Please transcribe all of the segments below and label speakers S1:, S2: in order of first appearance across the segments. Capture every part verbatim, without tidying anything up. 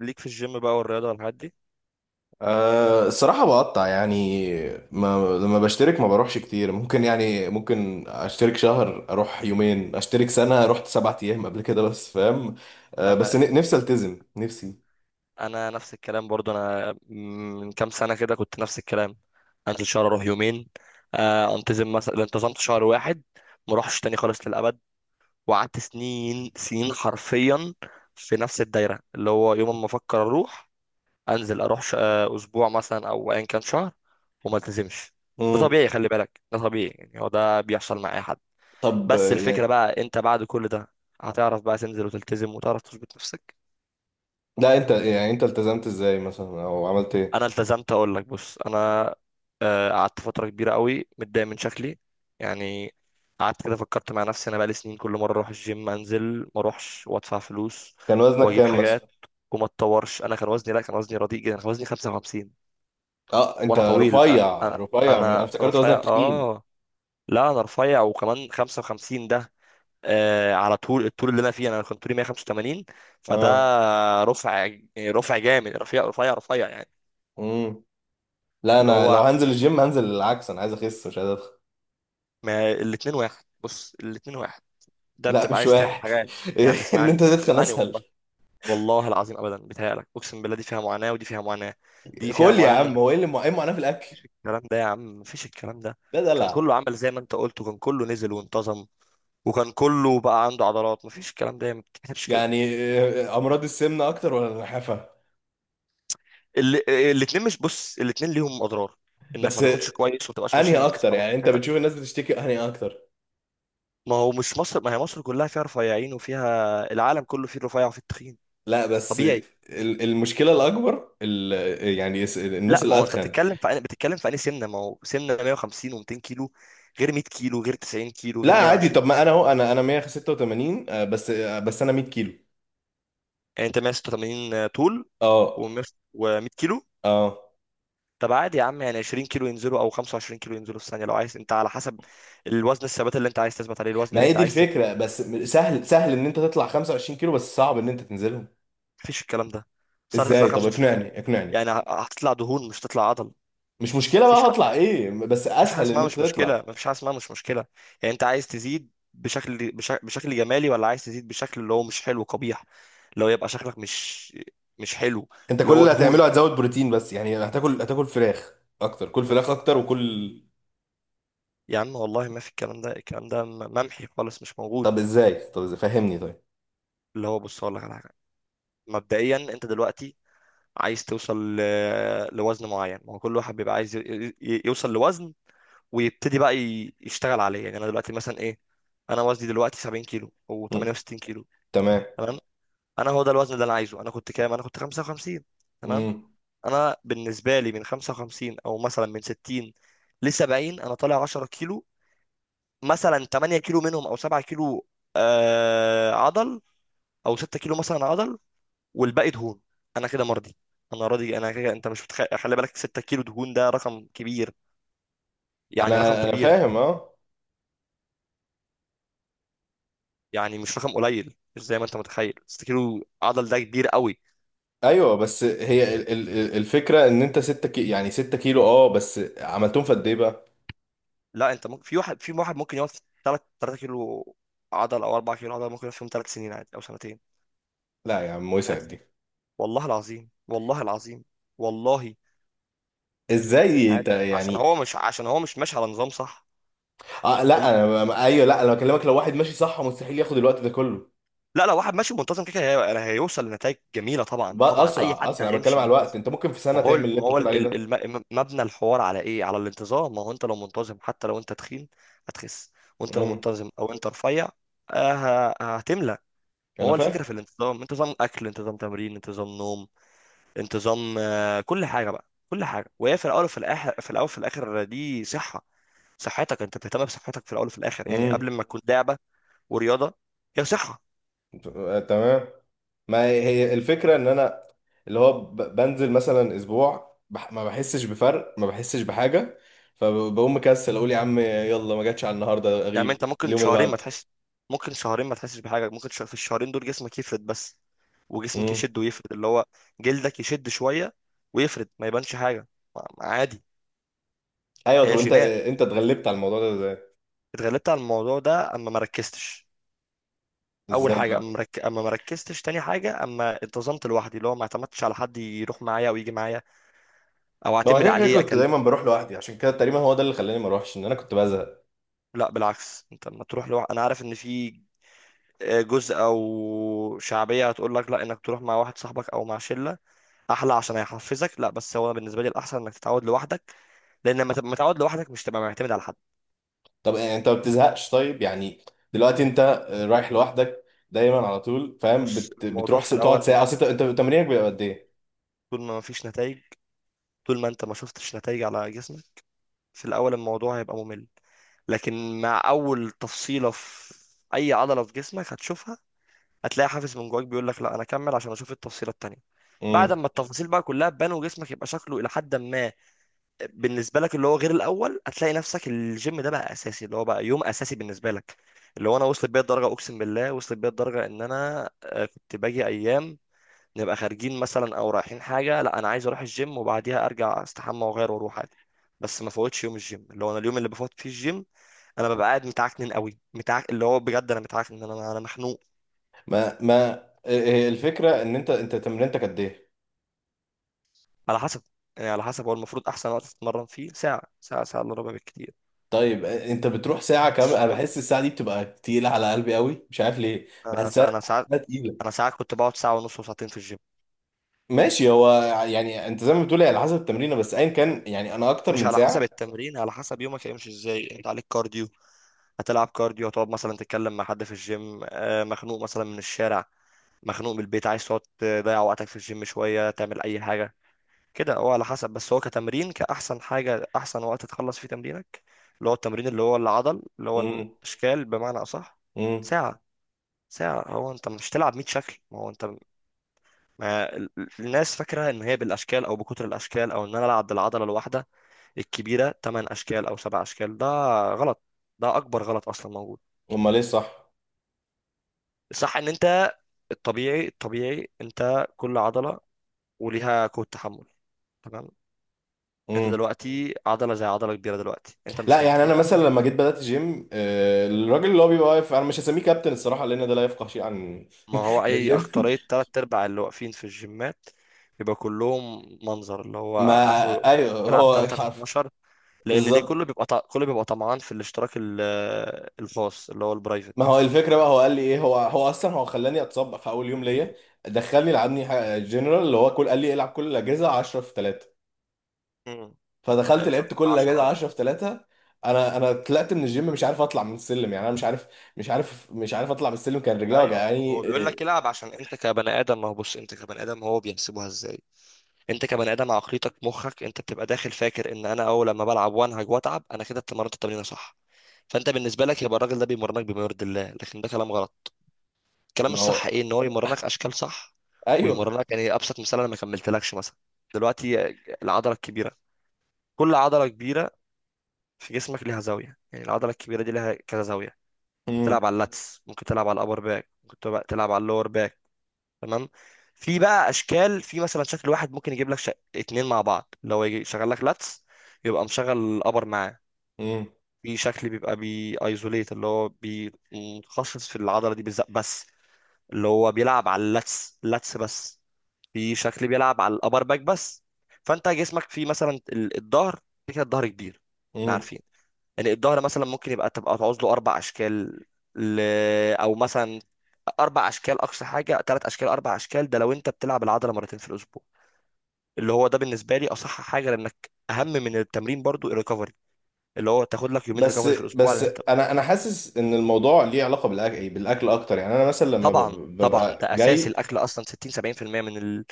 S1: ليك في الجيم بقى والرياضة والحاجات دي.
S2: أه الصراحة بقطع، يعني ما لما بشترك ما بروحش كتير. ممكن يعني ممكن اشترك شهر اروح يومين، اشترك سنة رحت سبعة ايام قبل كده بس. فاهم؟
S1: انا
S2: أه بس،
S1: ما-
S2: ن- نفسي التزم نفسي.
S1: انا نفس الكلام برضو، انا من كام سنة كده كنت نفس الكلام، انزل شهر اروح يومين، آه، انتظم مثلا، انتظمت شهر واحد ما اروحش تاني خالص للابد، وقعدت سنين سنين حرفيا في نفس الدايرة، اللي هو يوم ما افكر اروح انزل اروح ش- آه، اسبوع مثلا او ايا كان شهر وما التزمش. ده
S2: مم.
S1: طبيعي، خلي بالك ده طبيعي، يعني هو ده بيحصل مع اي حد.
S2: طب
S1: بس
S2: آه،
S1: الفكرة
S2: يعني،
S1: بقى انت بعد كل ده هتعرف بقى تنزل وتلتزم وتعرف تظبط نفسك.
S2: لا انت يعني، انت التزمت ازاي مثلا او عملت ايه؟
S1: انا التزمت، اقول لك، بص انا آه، قعدت فتره كبيره قوي متضايق من شكلي، يعني. قعدت كده فكرت مع نفسي، انا بقالي سنين كل مره اروح الجيم انزل ما اروحش وادفع فلوس
S2: كان وزنك
S1: واجيب
S2: كام مثلا؟
S1: حاجات وما اتطورش. انا كان وزني، لا كان وزني رديء جدا، كان وزني خمسة وخمسين،
S2: اه، انت
S1: وانا طويل. أ-
S2: رفيع
S1: أ-
S2: رفيع، انا
S1: انا
S2: افتكرت وزنك
S1: رفيع
S2: تخين.
S1: اه، لا انا رفيع، وكمان خمسة وخمسين ده آه على طول. الطول اللي انا فيه، انا كنت طولي مية وخمسة وثمانين، فده
S2: اه.
S1: رفع، رفع جامد، رفيع رفيع رفيع يعني.
S2: مم. لا،
S1: اللي
S2: انا لو
S1: هو،
S2: هنزل الجيم هنزل العكس، انا عايز اخس مش عايز ادخل.
S1: ما الاتنين واحد، بص الاتنين واحد، ده
S2: لا،
S1: بتبقى
S2: مش
S1: عايز تعمل
S2: واحد.
S1: حاجة. يا عم
S2: ان انت
S1: اسمعني
S2: تدخل
S1: اسمعني،
S2: اسهل.
S1: والله والله العظيم، ابدا بتهيألك، اقسم بالله دي فيها معاناة ودي فيها معاناة، دي فيها
S2: كل يا
S1: معاناة ان انت،
S2: عم، هو ايه اللي مع- ايه المعاناه في الاكل؟
S1: الكلام ده يا عم مفيش الكلام ده،
S2: ده
S1: كان
S2: دلع.
S1: كله عمل زي ما انت قلت وكان كله نزل وانتظم وكان كله بقى عنده عضلات. مفيش الكلام ده، ما بتتحسبش كده.
S2: يعني آه، امراض السمنه اكتر ولا النحافه؟
S1: ال- الاتنين، مش بص الاتنين ليهم اضرار، انك
S2: بس
S1: ما تاكلش
S2: آه،
S1: كويس وما تبقاش
S2: انهي
S1: ماشي منتظم
S2: اكتر
S1: على
S2: يعني؟ انت
S1: صحتك.
S2: بتشوف الناس بتشتكي انهي اكتر؟
S1: ما هو مش مصر، ما هي مصر كلها فيها رفيعين وفيها، العالم كله فيه الرفيع وفيه التخين،
S2: لا بس آه،
S1: طبيعي.
S2: ال- المشكله الاكبر، ال- آه، يعني الس-
S1: لا
S2: الناس
S1: ما هو انت
S2: الاتخن.
S1: بتتكلم في بتتكلم في انهي سمنه؟ ما هو سمنه مية وخمسين و200 كيلو، غير مائة كيلو، غير تسعين كيلو،
S2: لا
S1: غير
S2: عادي،
S1: مية وعشرين.
S2: طب ما انا اهو، انا انا ميه وستة وتمانين آه، بس آه، بس انا ميه كيلو.
S1: يعني انت مية وستة وثمانين طول
S2: اه.
S1: و100 كيلو؟
S2: اه،
S1: طب عادي يا عم، يعني عشرين كيلو ينزلوا او خمسة وعشرين كيلو ينزلوا في الثانيه لو عايز، انت على حسب الوزن، الثبات اللي انت عايز تثبت عليه، الوزن
S2: ما
S1: اللي
S2: هي
S1: انت
S2: دي
S1: عايز تبني.
S2: الفكره بس. سهل سهل ان انت تطلع خمسة وعشرين كيلو، بس صعب ان انت تنزلهم.
S1: مفيش الكلام ده، بس هتطلع
S2: ازاي؟ طب
S1: خمسة وعشرين،
S2: اقنعني اقنعني.
S1: يعني هتطلع دهون مش هتطلع عضل.
S2: مش مشكله
S1: مفيش
S2: بقى
S1: حد،
S2: هطلع ايه، بس
S1: مفيش حاجه
S2: اسهل ان
S1: اسمها
S2: انت
S1: مش مشكله،
S2: تطلع.
S1: مفيش حاجه اسمها مش مشكله. يعني انت عايز تزيد بشكل، بشكل, بشكل جمالي، ولا عايز تزيد بشكل اللي هو مش حلو، قبيح، اللي هو يبقى شكلك مش، مش حلو.
S2: انت
S1: اللي
S2: كل
S1: هو
S2: اللي
S1: دهون.
S2: هتعمله هتزود بروتين بس، يعني هتاكل، هتاكل فراخ اكتر. كل
S1: ما
S2: فراخ
S1: في
S2: اكتر وكل.
S1: يا عم والله ما في الكلام ده، الكلام ده م- ممحي خالص، مش موجود.
S2: طب ازاي؟ طب ازاي؟ فهمني طيب.
S1: اللي هو بص اقول لك على حاجه، مبدئيا انت دلوقتي عايز توصل ل- لوزن معين. ما هو كل واحد بيبقى عايز ي- ي- يوصل لوزن ويبتدي بقى ي- يشتغل عليه. يعني انا دلوقتي مثلا ايه، انا وزني دلوقتي سبعين كيلو او
S2: مم.
S1: تمنية وستين كيلو،
S2: تمام.
S1: تمام؟ انا هو ده الوزن اللي انا عايزه. انا كنت كام؟ انا كنت خمسة وخمسين، تمام.
S2: مم.
S1: انا بالنسبه لي، من خمسة وخمسين او مثلا من ستين ل سبعين، انا طالع عشرة كيلو، مثلا ثمانية كيلو منهم او سبعة كيلو آه عضل، او ستة كيلو مثلا عضل، والباقي دهون، انا كده مرضي، انا راضي انا كده. انت مش متخ... خلي بالك، ستة كيلو دهون ده رقم كبير، يعني رقم
S2: انا انا
S1: كبير،
S2: فاهم. اه.
S1: يعني مش رقم قليل، مش زي ما انت متخيل. ستة كيلو عضل ده كبير قوي.
S2: ايوه، بس هي ال- ال- ال- الفكره ان انت ستة كي... يعني ستة كيلو اه، بس عملتهم في قد ايه بقى؟
S1: لا انت ممكن في واحد، في واحد ممكن يقعد في تلاتة تلاتة كيلو عضل او أربعة كيلو عضل، ممكن يقعد فيهم ثلاث سنين عادي، او سنتين
S2: لا يا عم، وسعت
S1: عادي.
S2: دي.
S1: والله العظيم والله العظيم والله،
S2: ازاي انت
S1: عادي، عشان
S2: يعني؟
S1: هو مش، عشان هو مش ماشي على نظام صح.
S2: اه لا
S1: وم...
S2: انا ب- ايوه، لا انا بكلمك، لو واحد ماشي صح مستحيل ياخد الوقت ده كله.
S1: لا لا، واحد ماشي منتظم كده كده هي- يعني هيوصل لنتائج جميله، طبعا
S2: بقى
S1: طبعا، اي
S2: اسرع
S1: حد
S2: اسرع، انا بتكلم
S1: هيمشي
S2: على الوقت.
S1: منتظم.
S2: انت ممكن في
S1: ما
S2: سنه
S1: هو،
S2: تعمل اللي
S1: ما
S2: انت
S1: هو
S2: بتقول
S1: ال-
S2: عليه ده.
S1: ال- الم- مبنى الحوار على ايه؟ على الانتظام. ما هو انت لو منتظم حتى لو انت تخين هتخس، وانت لو
S2: امم.
S1: منتظم او انت رفيع آه، ه- هتملى.
S2: انا
S1: هو
S2: فاهم.
S1: الفكرة في الانتظام، انت نظام أكل، انت نظام تمرين، انت نظام نوم، انت نظام، آه، كل حاجة بقى، كل حاجة، وهي في الأول وفي الآخر، في الأول وفي الآخر دي صحة، صحتك، انت بتهتم بصحتك في الأول وفي الآخر، يعني
S2: امم.
S1: قبل ما تكون لعبة ورياضة، هي صحة.
S2: آه، تمام. ما هي هي الفكرة ان انا، اللي هو ب- بنزل مثلا اسبوع بح، ما بحسش بفرق، ما بحسش بحاجة. فبقوم مكسل اقول يا عم يلا، ما جاتش على النهاردة،
S1: يعني انت
S2: اغيب
S1: ممكن
S2: اليوم اللي
S1: شهرين ما
S2: بعده.
S1: تحس، ممكن شهرين ما تحسش بحاجة، ممكن ش... في الشهرين دول جسمك يفرد بس، وجسمك
S2: امم.
S1: يشد ويفرد، اللي هو جلدك يشد شوية ويفرد، ما يبانش حاجة، ما- ما عادي.
S2: ايوه،
S1: هي
S2: طب انت
S1: جينات.
S2: انت اتغلبت على الموضوع ده ازاي؟
S1: اتغلبت على الموضوع ده أما ما ركزتش. اول
S2: ازاي
S1: حاجه
S2: بقى؟
S1: اما مرك... اما ما ركزتش، تاني حاجه اما انتظمت لوحدي، اللي هو ما اعتمدتش على حد يروح معايا او يجي معايا او
S2: ما هو
S1: اعتمد
S2: كده كده
S1: عليه
S2: كنت
S1: اكلم.
S2: دايما بروح لوحدي، عشان كده تقريبا هو ده اللي خلاني ما اروحش، ان انا كنت بزهق.
S1: لا بالعكس، انت لما تروح لوحدك، انا عارف ان في آه، جزء او شعبيه هتقول لك لا انك تروح مع واحد صاحبك او مع شله احلى عشان هيحفزك، لا بس هو بالنسبه لي الاحسن انك تتعود لوحدك، لان لما تبقى متعود لوحدك، مش تبقى معتمد على حد.
S2: طب آه، انت ما بتزهقش طيب يعني؟ دلوقتي انت آه، رايح لوحدك دايما على طول فاهم؟
S1: بص
S2: بت...
S1: الموضوع
S2: بتروح س-
S1: في
S2: تقعد
S1: الاول،
S2: ساعة؟ اصل انت، أنت تمرينك بيبقى قد
S1: طول ما مفيش نتائج، طول ما انت ما شفتش نتائج على جسمك، في الأول الموضوع هيبقى ممل، لكن مع أول تفصيلة في أي عضلة في جسمك هتشوفها، هتلاقي حافز من جواك بيقول لك لا، أنا أكمل عشان أشوف التفصيلة التانية. بعد
S2: ايه؟
S1: ما التفاصيل بقى كلها تبان وجسمك يبقى شكله إلى حد ما بالنسبة لك، اللي هو غير الأول، هتلاقي نفسك الجيم ده بقى أساسي، اللي هو بقى يوم أساسي بالنسبة لك. اللي هو أنا وصلت بيا الدرجة، أقسم بالله وصلت بيا الدرجة، إن أنا آه، كنت باجي أيام نبقى خارجين مثلا او رايحين حاجه، لا انا عايز اروح الجيم وبعديها ارجع استحمى واغير واروح عادي، بس ما فوتش يوم الجيم. اللي هو انا اليوم اللي بفوت فيه الجيم، انا ببقى قاعد متعكنن قوي، متعك، اللي هو بجد انا متعكنن، انا انا مخنوق.
S2: ما ما هي الفكره ان انت انت تمرينتك قد ايه؟
S1: على حسب، يعني على حسب، هو المفروض احسن وقت تتمرن فيه ساعه، ساعه، ساعه الا ربع بالكتير.
S2: طيب آه، انت بتروح ساعه كامله.
S1: بس
S2: انا
S1: كل
S2: بحس الساعه دي بتبقى تقيله على قلبي قوي، مش عارف ليه.
S1: انا سا-
S2: بحسها
S1: انا ساعات،
S2: بحسها تقيله.
S1: انا ساعات كنت بقعد ساعه ونص وساعتين في الجيم.
S2: ماشي. هو يعني انت زي ما بتقول هي على حسب التمرينه، بس ايا كان، يعني انا اكتر
S1: مش
S2: من
S1: على حسب
S2: ساعه.
S1: التمرين، على حسب يومك هيمشي ازاي، انت عليك كارديو، هتلعب كارديو، هتقعد مثلا تتكلم مع حد في الجيم، آه، مخنوق مثلا من الشارع، مخنوق من البيت، عايز تقعد تضيع وقتك في الجيم شوية تعمل أي حاجة، كده هو على حسب. بس هو كتمرين، كأحسن حاجة، أحسن وقت تخلص فيه تمرينك، اللي هو التمرين اللي هو العضل اللي هو
S2: امم.
S1: الأشكال، بمعنى أصح
S2: امم.
S1: ساعة، ساعة. هو أنت مش تلعب مية شكل، ما هو أنت، ما ال- ال- الناس فاكرة إن هي بالأشكال، أو بكتر الأشكال، أو إن أنا ألعب بالعضلة الواحدة الكبيرة ثمانية أشكال أو سبع أشكال. ده غلط، ده أكبر غلط أصلا موجود.
S2: امال ايه صح؟
S1: صح إن أنت، الطبيعي، الطبيعي انت كل عضله وليها قوه تحمل، تمام؟ انت
S2: امم.
S1: دلوقتي عضله زي عضله كبيره، دلوقتي انت
S2: لا
S1: مش
S2: يعني
S1: محتاج.
S2: انا مثلا لما جيت بدات جيم، آه، الراجل اللي هو بيبقى واقف انا مش هسميه كابتن الصراحه، لان ده لا يفقه شيء عن
S1: ما هو اي
S2: الجيم.
S1: اكتريه، تلات ارباع اللي واقفين في الجيمات بيبقى كلهم منظر، اللي هو
S2: ما
S1: اخره
S2: ايوه،
S1: بيلعب
S2: هو
S1: ثلاثة في
S2: حرف.
S1: اتناشر، لان دي كله
S2: بالظبط.
S1: بيبقى ط- كله بيبقى طمعان في الاشتراك ال- الخاص اللي هو البرايفت.
S2: ما هو الفكره بقى، هو قال لي ايه، هو هو اصلا هو خلاني اتصاب في اول يوم ليا. دخلني لعبني ح- جنرال اللي هو كل، قال لي إيه، العب كل الاجهزه عشرة في ثلاثة. فدخلت
S1: تلاتة
S2: لعبت
S1: في
S2: كل الاجهزه
S1: عشرة.
S2: عشرة في ثلاثة. انا انا طلعت من الجيم مش عارف اطلع من السلم، يعني انا مش عارف مش عارف مش عارف اطلع من السلم. كان رجلي
S1: ايوه هو
S2: وجعاني
S1: بيقول لك
S2: إيه،
S1: العب عشان انت كبني ادم، ما هو بص انت كبني ادم هو بيحسبوها ازاي، انت كبني ادم عقليتك، مخك انت بتبقى داخل فاكر ان انا اول لما بلعب وانهج واتعب انا كده اتمرنت التمرينه صح، فانت بالنسبه لك يبقى الراجل ده بيمرنك بما يرضي الله، لكن ده كلام غلط. الكلام
S2: ما
S1: الصح
S2: هو.
S1: ايه، ان هو يمرنك اشكال صح
S2: ايوه.
S1: ويمرنك، يعني ابسط مثال، انا ما كملتلكش مثلا دلوقتي، العضله الكبيره، كل عضله كبيره في جسمك ليها زاويه، يعني العضله الكبيره دي ليها كذا زاويه،
S2: امم.
S1: بتلعب على اللاتس، ممكن تلعب على الابر باك، ممكن تبقى- تلعب على اللور باك، تمام؟ في بقى اشكال، في مثلا شكل واحد ممكن يجيب لك شك... اتنين مع بعض، لو يجي شغال لك لاتس يبقى مشغل الابر معاه.
S2: امم.
S1: في شكل بيبقى بي ايزوليت، اللي هو بي- متخصص في العضله دي بالذات بس، اللي هو بيلعب على اللاتس، لاتس بس. في شكل بيلعب على الابر باك بس. فانت جسمك فيه مثلا ال- الظهر، كده الظهر كبير، احنا
S2: امم.
S1: عارفين، يعني الظهر مثلا ممكن يبقى تبقى تعوز له اربع اشكال، ل... او مثلا اربع اشكال، اقصى حاجه ثلاث اشكال اربع اشكال، ده لو انت بتلعب العضله مرتين في الاسبوع، اللي هو ده بالنسبه لي اصح حاجه، لانك اهم من التمرين برضو الريكفري، اللي هو تاخد لك يومين
S2: بس
S1: ريكفري في الاسبوع،
S2: بس
S1: لان انت،
S2: انا انا حاسس ان الموضوع ليه علاقه بالاكل، بالاكل اكتر. يعني انا مثلا لما ب-
S1: طبعا
S2: ب-
S1: طبعا
S2: ببقى
S1: ده اساس،
S2: جاي.
S1: الاكل اصلا ستين سبعين في المية من ال...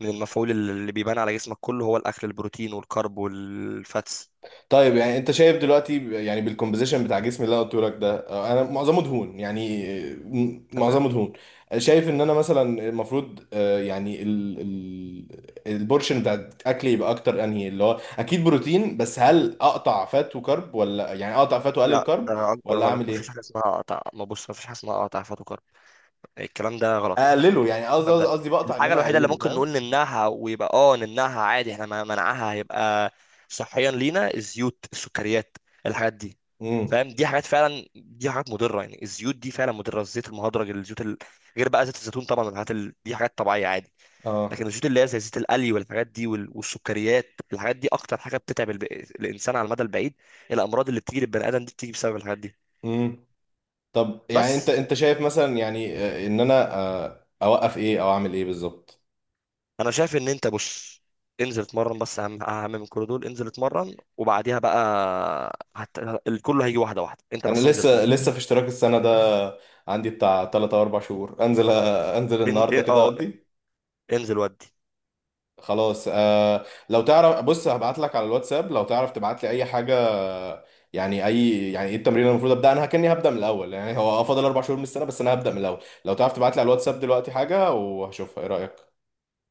S1: من المفعول اللي بيبان على جسمك كله هو الاكل، البروتين والكرب والفاتس،
S2: طيب يعني انت شايف دلوقتي، يعني بالكومبوزيشن بتاع جسمي اللي انا قلته لك ده، اه، انا معظمه دهون يعني. اه،
S1: تمام؟
S2: معظمه دهون. شايف ان انا مثلا المفروض اه، يعني ال ال البورشن بتاع اكلي يبقى اكتر انهي اللي هو؟ اكيد بروتين، بس هل اقطع فات وكرب، ولا يعني اقطع فات واقلل
S1: لا
S2: كرب،
S1: ده اكبر
S2: ولا
S1: غلط،
S2: اعمل
S1: مفيش حاجه
S2: ايه؟
S1: اسمها قطع، ما بص مفيش حاجه اسمها قطع فاتو كرب، الكلام ده غلط،
S2: اقلله يعني، قصدي
S1: الكلام ده،
S2: قصدي بقطع ان
S1: الحاجه
S2: انا
S1: الوحيده اللي
S2: اقلله.
S1: ممكن نقول
S2: فاهم؟
S1: نمنعها ويبقى اه نمنعها عادي، احنا ما- منعها هيبقى صحيا لينا، الزيوت، السكريات، الحاجات دي،
S2: امم.
S1: فاهم؟ دي حاجات فعلا، دي حاجات مضره، يعني الزيوت دي فعلا مضره، الزيت المهدرج، الزيوت ال... غير بقى زيت الزيتون طبعا والحاجات ال... دي حاجات طبيعيه عادي، لكن
S2: اه.
S1: الزيوت اللي هي زي زيت القلي والحاجات دي وال... والسكريات، الحاجات دي اكتر حاجه بتتعب الب... الانسان على المدى البعيد، الامراض اللي بتيجي للبني ادم دي بتيجي بسبب الحاجات دي.
S2: امم. طب يعني انت
S1: بس
S2: انت شايف مثلا يعني اه، ان انا اه، اوقف ايه او اعمل ايه بالظبط؟
S1: انا شايف ان انت، بص انزل اتمرن بس، اهم، اهم من كل دول انزل اتمرن وبعديها بقى هت... الكل هيجي واحده واحده، انت
S2: انا
S1: بس انزل اتمرن.
S2: لسه لسه في اشتراك السنه ده، عندي بتاع ثلاثة او اربع شهور. انزل انزل
S1: ان...
S2: النهارده
S1: إن-
S2: كده
S1: اه
S2: اقضي.
S1: انزل ودي.
S2: خلاص آه لو تعرف، بص هبعت لك على الواتساب لو تعرف تبعت لي اي حاجه. يعني اي، يعني ايه التمرين اللي المفروض ابدا؟ انا كاني هبدا من الاول، يعني هو فاضل اربع شهور من السنه بس انا هبدا من الاول. لو تعرف تبعت لي على الواتساب دلوقتي حاجه وهشوفها، ايه رايك؟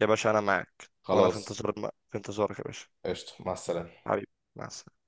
S1: يا باشا انا معاك، وانا في
S2: خلاص،
S1: انتظار، في انتظارك يا باشا،
S2: قشطه، مع السلامه.
S1: حبيبي، مع السلامه.